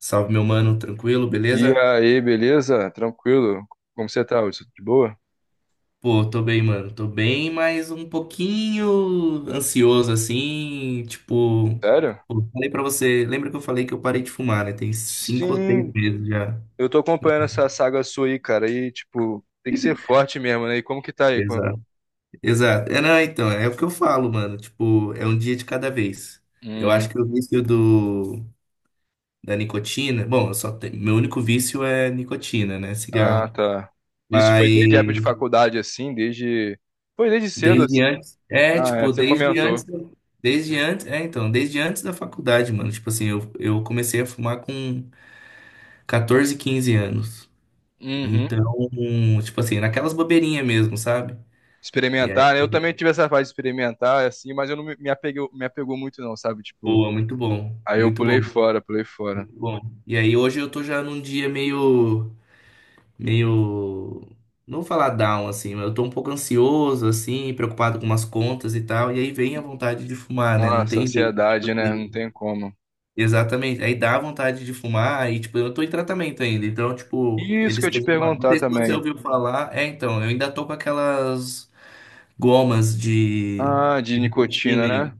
Salve, meu mano, tranquilo, E beleza? aí, beleza? Tranquilo? Como você tá, Hudson? De boa? Pô, tô bem, mano. Tô bem, mas um pouquinho ansioso assim, tipo, Sério? pô, falei pra você, lembra que eu falei que eu parei de fumar, né? Tem cinco ou seis Sim, meses já. eu tô acompanhando essa saga sua aí, cara. E, tipo, tem que ser forte mesmo, né? E como que tá aí? Com- Exato. Exato. É, não, então, é o que eu falo, mano. Tipo, é um dia de cada vez. Eu acho Hum, que o vício do, da nicotina. Bom, eu só tenho, meu único vício é nicotina, né? ah, Cigarro. tá. Isso Mas. foi desde a época de faculdade, assim? Desde. Foi desde cedo, Desde assim? antes, é, Ah, é, tipo, você desde antes, comentou. Desde antes, é, então, desde antes da faculdade, mano. Tipo assim, eu comecei a fumar com 14, 15 anos. Uhum. Então, tipo assim, naquelas bobeirinhas mesmo, sabe? E aí, Experimentar, né? Eu também tive essa fase de experimentar, assim, mas eu não me apeguei, me apegou muito, não, sabe? Tipo, pô, é muito bom, aí eu muito bom, pulei fora, pulei fora. muito bom. E aí hoje eu tô já num dia meio, meio, não vou falar down, assim, mas eu tô um pouco ansioso, assim, preocupado com umas contas e tal. E aí vem a vontade de fumar, né? Não Nossa, tem jeito. Tipo ansiedade, né? Não assim, tem como. exatamente. Aí dá vontade de fumar e, tipo, eu tô em tratamento ainda. Então, tipo, Isso que eles eu te têm uma... Não perguntar sei se você também. ouviu falar. É, então, eu ainda tô com aquelas gomas Ah, de de nicotina nicotina, aí. né?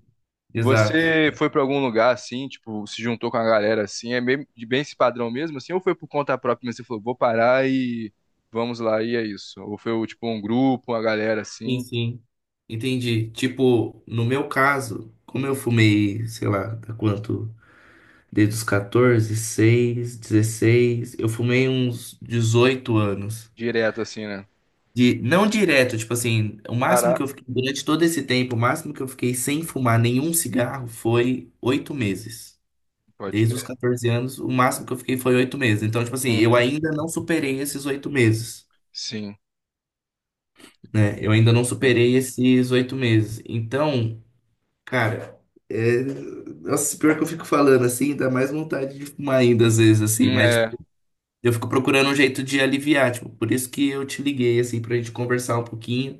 Exato. Você foi pra algum lugar assim, tipo, se juntou com a galera assim, é bem, de bem esse padrão mesmo, assim, ou foi por conta própria, mas você falou, vou parar e vamos lá, e é isso? Ou foi tipo um grupo, uma galera Sim, assim, sim. Entendi. Tipo, no meu caso, como eu fumei, sei lá, há quanto? Desde os 14, 6, 16, eu fumei uns 18 anos. direto assim, né? De, não direto, tipo assim, o máximo Parar, que eu fiquei, durante todo esse tempo, o máximo que eu fiquei sem fumar nenhum cigarro foi 8 meses. pode Desde os crer. 14 anos, o máximo que eu fiquei foi 8 meses. Então, tipo assim, eu Uhum. ainda não superei esses 8 meses, Sim. né? Eu ainda não superei esses oito meses. Então, cara, é... Nossa, pior que eu fico falando assim, dá mais vontade de fumar ainda às vezes, Hum. assim, mas, É. tipo, eu fico procurando um jeito de aliviar, tipo, por isso que eu te liguei, assim, pra gente conversar um pouquinho.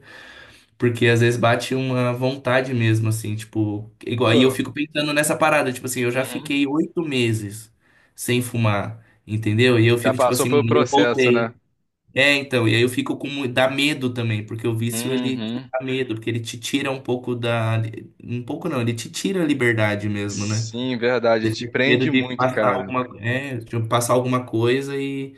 Porque às vezes bate uma vontade mesmo, assim, tipo, igual, Pô. aí eu fico pensando nessa parada, tipo assim, eu já Uhum. fiquei 8 meses sem fumar, entendeu? E eu Já fico, tipo passou assim, pelo "Menino, eu processo, voltei." né? É, então, e aí eu fico com, dá medo também, porque o vício, ele Uhum. dá medo, porque ele te tira um pouco da, um pouco não, ele te tira a liberdade mesmo, né? Sim, verdade, Ele te fica com medo prende de muito, passar cara. alguma, é, de passar alguma coisa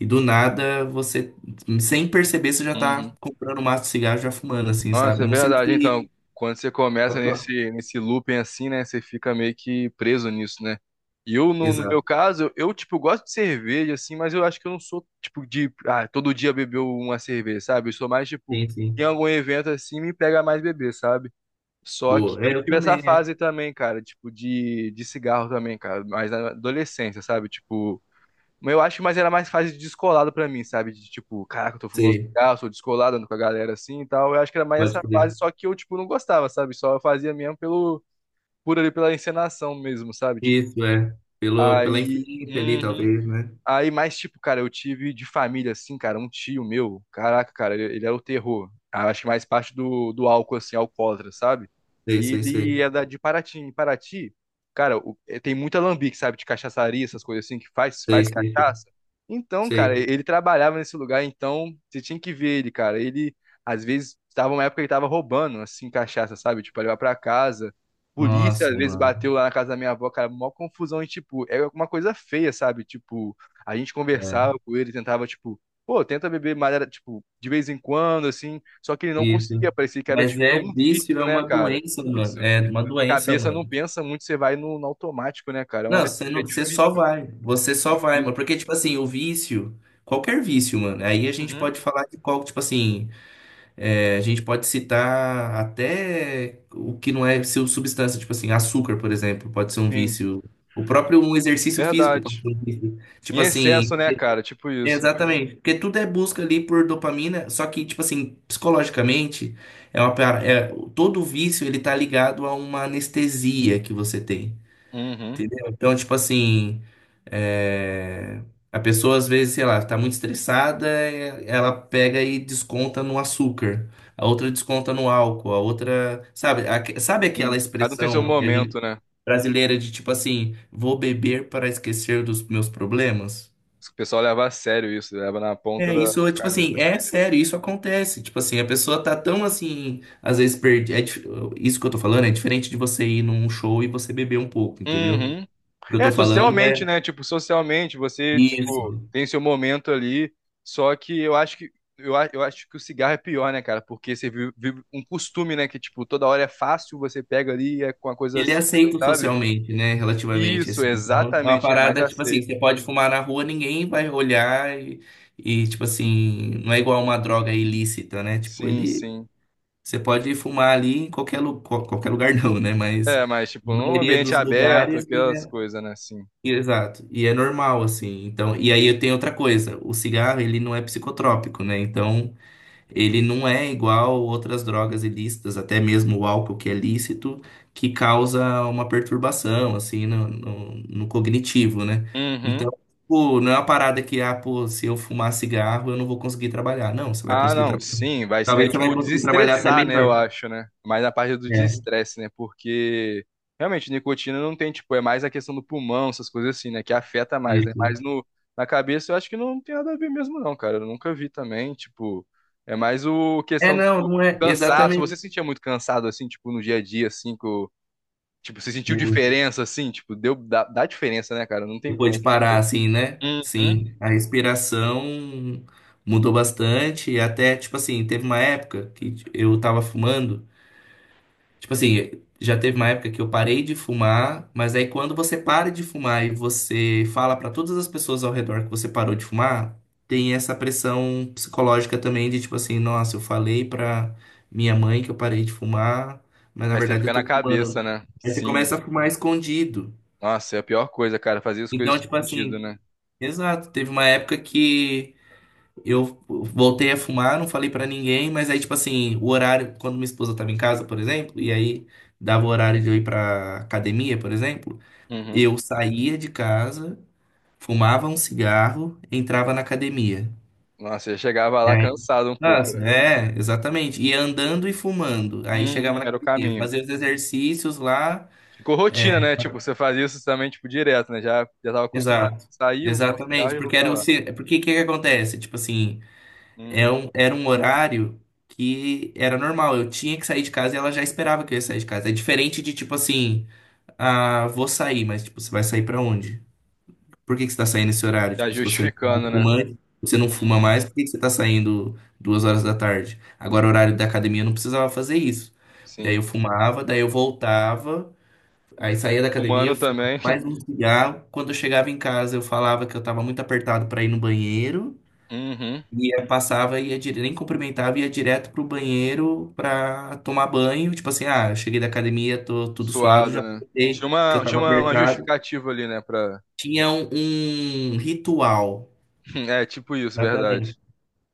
e do nada você sem perceber, você já tá Uhum. comprando um maço de cigarro e já fumando, assim, Nossa, sabe? é Não sei verdade. se... Então, quando você começa Pode falar. nesse looping assim, né? Você fica meio que preso nisso, né? E eu, no meu Exato. caso, eu, tipo, gosto de cerveja, assim, mas eu acho que eu não sou, tipo, de, ah, todo dia beber uma cerveja, sabe? Eu sou mais, tipo, Sim, em sim. algum evento assim, me pega mais beber, sabe? Só que Boa. É, eu eu tive essa também, é. fase também, cara, tipo, de cigarro também, cara, mas na adolescência, sabe? Tipo, mas eu acho, mas era mais fase de descolado pra mim, sabe? De tipo, caraca, eu tô fumando um Sei. cigarro, sou descolado, ando com a galera assim e tal. Eu acho que era mais Pode essa crer. fase, só que eu, tipo, não gostava, sabe? Só fazia mesmo por ali pela encenação mesmo, sabe? Tipo, Isso, é. Pelo, pela aí. influência ali, Uhum. talvez, né? Aí, mais tipo, cara, eu tive de família, assim, cara, um tio meu, caraca, cara, ele era o terror. Ah, acho que mais parte do álcool, assim, alcoólatra, sabe? Sei, E sei, ele sei. é de Paraty. Em Paraty, cara, tem muito alambique, sabe? De cachaçaria, essas coisas assim, que faz, Sei, faz sei, sei. cachaça. Então, cara, Sei. ele trabalhava nesse lugar, então você tinha que ver ele, cara. Ele, às vezes, tava uma época que ele tava roubando, assim, cachaça, sabe? Tipo, pra levar pra casa. Polícia, Nossa, às vezes, bateu mano. lá na casa da minha avó, cara, mó confusão e, tipo, é uma coisa feia, sabe? Tipo. A gente É, conversava com ele, tentava, tipo, pô, tenta beber madeira, tipo, de vez em quando, assim. Só que ele não isso. conseguia, parecia que era, Mas tipo, é é um vício, vício, é né, uma cara? doença, mano. Isso. É uma A doença, cabeça mano. não pensa muito, você vai no automático, né, cara? É Não, uma coisa você que não, é você só difícil, vai. Você é só vai, mano. difícil. Porque, tipo assim, o vício, qualquer vício, mano. Aí a gente Uhum. pode falar de qual, tipo assim. É, a gente pode citar até o que não é seu substância, tipo assim, açúcar, por exemplo, pode ser um Sim, vício. O próprio um exercício físico pode verdade. ser um vício. Em Tipo assim, excesso, né, cara? Tipo é, isso. exatamente. Porque tudo é busca ali por dopamina, só que, tipo assim, psicologicamente, é uma, é, todo vício ele tá ligado a uma anestesia que você tem. Uhum. Entendeu? Então, tipo assim, é, a pessoa às vezes, sei lá, tá muito estressada, é, ela pega e desconta no açúcar, a outra desconta no álcool, a outra, sabe, sabe aquela Sim. Cada um tem seu expressão que a gente momento, né? brasileira de tipo assim, vou beber para esquecer dos meus problemas? O pessoal leva a sério isso, leva na ponta É, da, isso, da tipo caneta. assim, é sério, isso acontece. Tipo assim, a pessoa tá tão assim, às vezes perde. É isso que eu tô falando é diferente de você ir num show e você beber um pouco, entendeu? Uhum. O que eu É, tô falando socialmente, é né? Tipo, socialmente, você, tipo, isso. tem seu momento ali. Só que eu acho que eu acho que o cigarro é pior, né, cara? Porque você vive um costume, né? Que, tipo, toda hora é fácil, você pega ali e é com uma coisa Ele é assim, aceito sabe? socialmente, né? Relativamente, Isso, assim. Então, é uma exatamente, é mais parada, tipo assim, você aceito. pode fumar na rua, ninguém vai olhar e, tipo assim, não é igual uma droga ilícita, né? Tipo, Sim, ele, sim. você pode fumar ali em qualquer, qualquer lugar não, né? Mas É, mas, tipo, na num maioria ambiente dos aberto, lugares, aquelas é, coisas, né? Sim. exato. E é normal, assim. Então, e aí eu tenho outra coisa, o cigarro, ele não é psicotrópico, né? Então, ele não é igual outras drogas ilícitas, até mesmo o álcool que é lícito, que causa uma perturbação, assim, no, no cognitivo, né? Uhum. Então, pô, não é uma parada que, ah, pô, se eu fumar cigarro, eu não vou conseguir trabalhar. Não, você vai Ah, conseguir não, trabalhar. sim, vai, é Talvez você vai tipo conseguir trabalhar até desestressar, né, eu melhor. acho, né? Mais na parte do É, desestresse, né? Porque realmente nicotina não tem, tipo, é mais a questão do pulmão, essas coisas assim, né, que afeta mais, né? isso. Mas no na cabeça eu acho que não tem nada a ver mesmo não, cara. Eu nunca vi também, tipo, é mais o É, questão não, tipo, não é cansaço. Você se exatamente. sentia muito cansado assim, tipo, no dia a dia assim, tipo, você sentiu Mu- diferença assim, tipo, dá diferença, né, cara? Não tem Depois como. de parar, assim, né? Uhum. Sim, a respiração mudou bastante, e até, tipo assim, teve uma época que eu tava fumando. Tipo assim, já teve uma época que eu parei de fumar, mas aí quando você para de fumar e você fala pra todas as pessoas ao redor que você parou de fumar, tem essa pressão psicológica também de tipo assim, nossa, eu falei pra minha mãe que eu parei de fumar, mas na Aí você verdade fica eu na tô cabeça, fumando. né? Aí você Sim. começa a fumar escondido. Nossa, é a pior coisa, cara, fazia as coisas Então, tipo escondido, assim, né? exato, teve uma época que eu voltei a fumar, não falei pra ninguém, mas aí, tipo assim, o horário, quando minha esposa tava em casa, por exemplo, e aí dava o horário de eu ir pra academia, por exemplo, Uhum. eu saía de casa, fumava um cigarro, entrava na academia. Nossa, eu chegava E lá aí, cansado um pouco, nossa, né? é, exatamente. Ia andando e fumando. Aí chegava Uhum, na era o academia, caminho. fazia os exercícios lá. Ficou É, rotina, né? Tipo, você fazia isso também, tipo, direto, né? Já tava acostumado a exato. sair, vou pro nosso carro Exatamente, e vou porque pra era o lá. se- porque o que que acontece? Tipo assim, Uhum. Era um horário que era normal. Eu tinha que sair de casa e ela já esperava que eu ia sair de casa. É diferente de tipo assim, ah, vou sair, mas tipo, você vai sair pra onde? Por que que você tá saindo esse horário? Já Tipo, se você não é justificando, mais né? fumante, você não fuma Uhum. mais, por que que você tá saindo 2 horas da tarde? Agora, o horário da academia eu não precisava fazer isso. Daí Sim. eu fumava, daí eu voltava, aí saía da academia, Humano fumava também. mais um cigarro. Quando eu chegava em casa, eu falava que eu tava muito apertado pra ir no banheiro. Uhum. Ia, passava, ia dire... nem cumprimentava, ia direto pro banheiro pra tomar banho. Tipo assim, ah, cheguei da academia, tô tudo suado, Suado, já né? Tinha aproveitei que eu uma, tinha tava uma, uma apertado. justificativa ali, né? Pra... Tinha um ritual. É, tipo isso, verdade. Exatamente.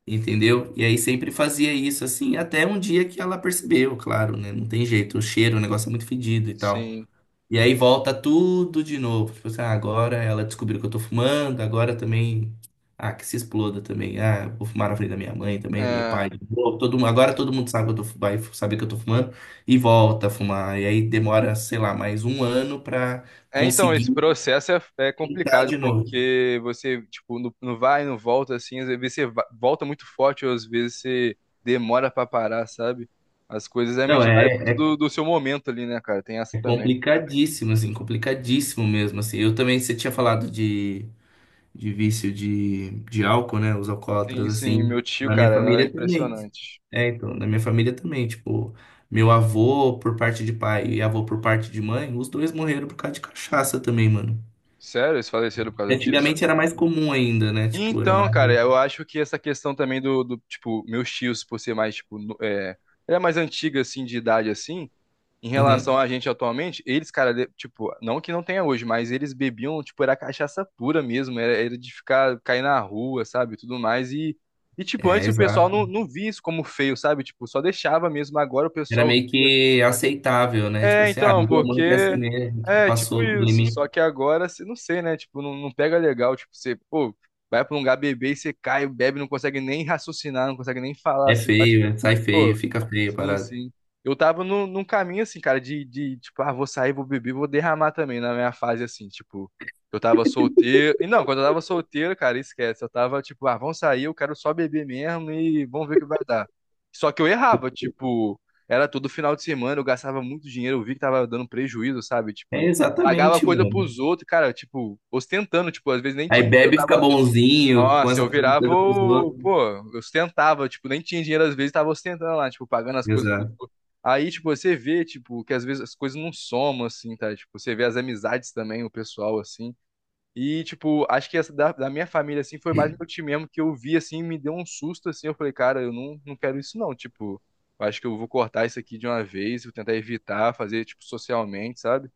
Entendeu? E aí sempre fazia isso assim, até um dia que ela percebeu, claro, né? Não tem jeito, o cheiro, o negócio é muito fedido e tal. Sim. E aí volta tudo de novo. Tipo assim, ah, agora ela descobriu que eu tô fumando, agora também. Ah, que se exploda também. Ah, eu vou fumar na frente da minha mãe também, do meu É. pai. De novo. Agora todo mundo sabe que eu tô, vai saber que eu tô fumando e volta a fumar. E aí demora, sei lá, mais um ano pra É, então, esse conseguir processo é tentar complicado, de novo. porque você, tipo, não vai, não volta, assim, às vezes você volta muito forte, ou às vezes você demora pra parar, sabe? As coisas Não, realmente vai muito é, do seu momento ali, né, cara? Tem essa é também. complicadíssimo, assim, complicadíssimo mesmo, assim. Eu também, você tinha falado de. De vício de álcool, né? Os Sim, alcoólatras, sim, assim. meu tio, Na minha cara, era família também. impressionante. É, então, na minha família também. Tipo, meu avô por parte de pai e avô por parte de mãe, os dois morreram por causa de cachaça também, mano. Sério? Eles faleceram por causa disso? Antigamente era mais comum ainda, né? Tipo, era Então, mais. cara, eu acho que essa questão também do tipo, meus tios, por ser mais, tipo, era mais antiga, assim, de idade, assim. Em Uhum. relação a gente atualmente, eles, cara, tipo, não que não tenha hoje, mas eles bebiam, tipo, era cachaça pura mesmo, era de ficar, cair na rua, sabe, tudo mais, e tipo, É, antes o pessoal não, exato. não via isso como feio, sabe, tipo, só deixava mesmo, agora o Era pessoal... meio que aceitável, né? Tipo É, assim, ah, então, bebeu muito é assim porque... mesmo, tipo, É, tipo passou do isso, limite. só que agora, você não sei, né, tipo, não pega legal, tipo, você, pô, vai pra um lugar beber e você cai, bebe, não consegue nem raciocinar, não consegue nem falar, É assim. feio, sai Pô, feio, fica feio a sim, parada. sim. Eu tava num caminho assim, cara, de tipo, ah, vou sair, vou beber, vou derramar também na minha fase assim, tipo, eu tava solteiro. E não, quando eu tava solteiro, cara, esquece. Eu tava tipo, ah, vamos sair, eu quero só beber mesmo e vamos ver o que vai dar. Só que eu errava, tipo, era todo final de semana, eu gastava muito dinheiro, eu vi que tava dando prejuízo, sabe? É Tipo, pagava exatamente, coisa mano. pros outros, cara, tipo, ostentando, tipo, às vezes nem Aí tinha, eu bebe e fica tava bonzinho, nossa, começa a eu fazer virava coisa pros o. outros. Pô, eu ostentava, tipo, nem tinha dinheiro às vezes, tava ostentando lá, tipo, pagando as coisas. Exato. Aí, tipo, você vê, tipo, que às vezes as coisas não somam, assim, tá? Tipo, você vê as amizades também, o pessoal, assim. E, tipo, acho que essa da minha família, assim, foi mais meu tio mesmo que eu vi, assim, me deu um susto, assim. Eu falei, cara, eu não quero isso, não. Tipo, eu acho que eu vou cortar isso aqui de uma vez, vou tentar evitar, fazer, tipo, socialmente, sabe?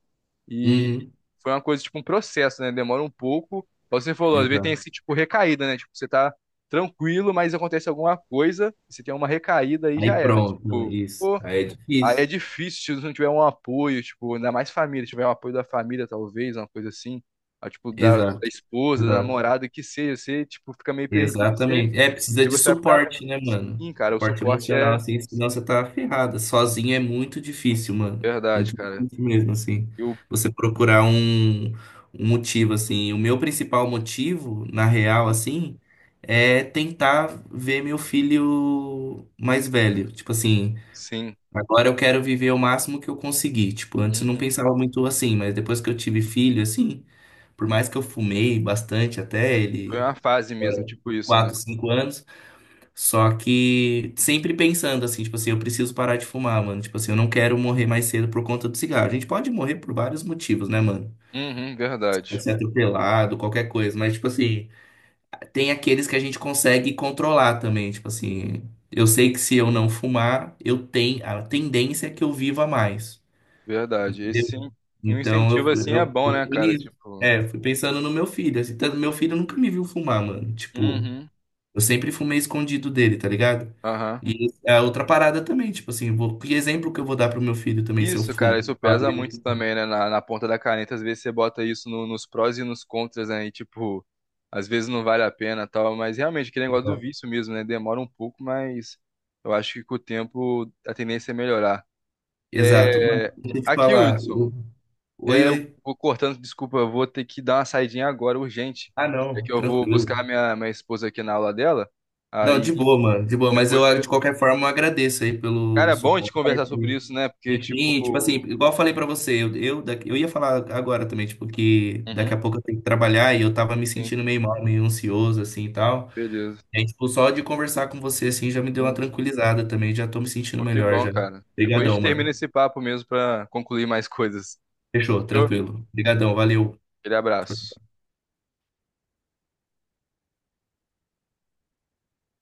E Uhum, foi uma coisa, tipo, um processo, né? Demora um pouco. Igual você falou, às vezes tem exato. esse, tipo, recaída, né? Tipo, você tá tranquilo, mas acontece alguma coisa, e você tem uma recaída e já Aí era. pronto, não, Tipo, isso. pô, Aí é aí é difícil. difícil se não tiver um apoio, tipo, ainda mais família, se tiver um apoio da família, talvez, uma coisa assim. Ah, tipo, da Exato. esposa, da Exato. namorada, que seja, você, tipo, fica meio perdido Exatamente. É, precisa e de você vai pro suporte, né, mano? caminho, cara. O Suporte suporte emocional, é, assim, senão sim, você tá ferrada. Sozinho é muito difícil, mano. verdade, Muito cara. difícil mesmo, assim. Eu, Você procurar um motivo, assim. O meu principal motivo, na real, uhum, assim, é tentar ver meu filho mais velho. Tipo assim. sim, Agora eu quero viver o máximo que eu conseguir. Tipo, antes eu não uhum. pensava muito assim, mas depois que eu tive filho, assim, por mais que eu fumei bastante até Foi ele, uma fase mesmo, agora, tipo por isso, né? 4, 5 anos, só que sempre pensando assim, tipo assim, eu preciso parar de fumar, mano. Tipo assim, eu não quero morrer mais cedo por conta do cigarro. A gente pode morrer por vários motivos, né, mano? Uhum, Você verdade. pode ser atropelado, qualquer coisa, mas, tipo assim, tem aqueles que a gente consegue controlar também, tipo assim. Eu sei que se eu não fumar, eu tenho a tendência é que eu viva mais. Verdade. Deu. E um Então incentivo eu, assim é eu, bom, eu né, fui cara? nisso. Tipo. É, fui pensando no meu filho. Assim, tanto meu filho nunca me viu fumar, mano. Tipo, Uhum. eu sempre fumei escondido dele, tá ligado? Aham. E a outra parada também, tipo assim, eu vou, que exemplo que eu vou dar pro meu filho também se eu Isso, cara, fumo? isso Ah, pra pesa muito ele não também, né? Na ponta da caneta, às vezes você bota isso nos prós e nos contras, né? E, tipo, às vezes não vale a pena e tal. Mas realmente, aquele negócio do fumar. vício mesmo, né? Demora um pouco, mas eu acho que com o tempo a tendência é melhorar. Exato. Mano, É... deixa eu te Aqui, falar. Hudson, Oi, é, eu Oi? oi. Vou cortando, desculpa, eu vou ter que dar uma saidinha agora, urgente. Ah, É não, que eu vou buscar tranquilo. minha esposa aqui na aula dela. Não, Aí de boa, mano, de boa. Mas depois. eu, de qualquer forma, eu agradeço aí Cara, pelo é bom a gente suporte. conversar sobre isso, né? Porque, tipo. Enfim, tipo assim, igual eu falei pra você, eu ia falar agora também, tipo, que daqui a Uhum. pouco eu tenho que trabalhar e eu tava me Sim, sentindo meio mal, meio ansioso, assim e tal. beleza. E aí, tipo, só de conversar com você, assim, já me deu uma Sim. tranquilizada também, já tô me sentindo Pô, que melhor bom, já. cara. Depois a gente Obrigadão, termina mano. esse papo mesmo pra concluir mais coisas. Fechou, Fechou? tranquilo. Obrigadão, valeu. Aquele Tchau, abraço.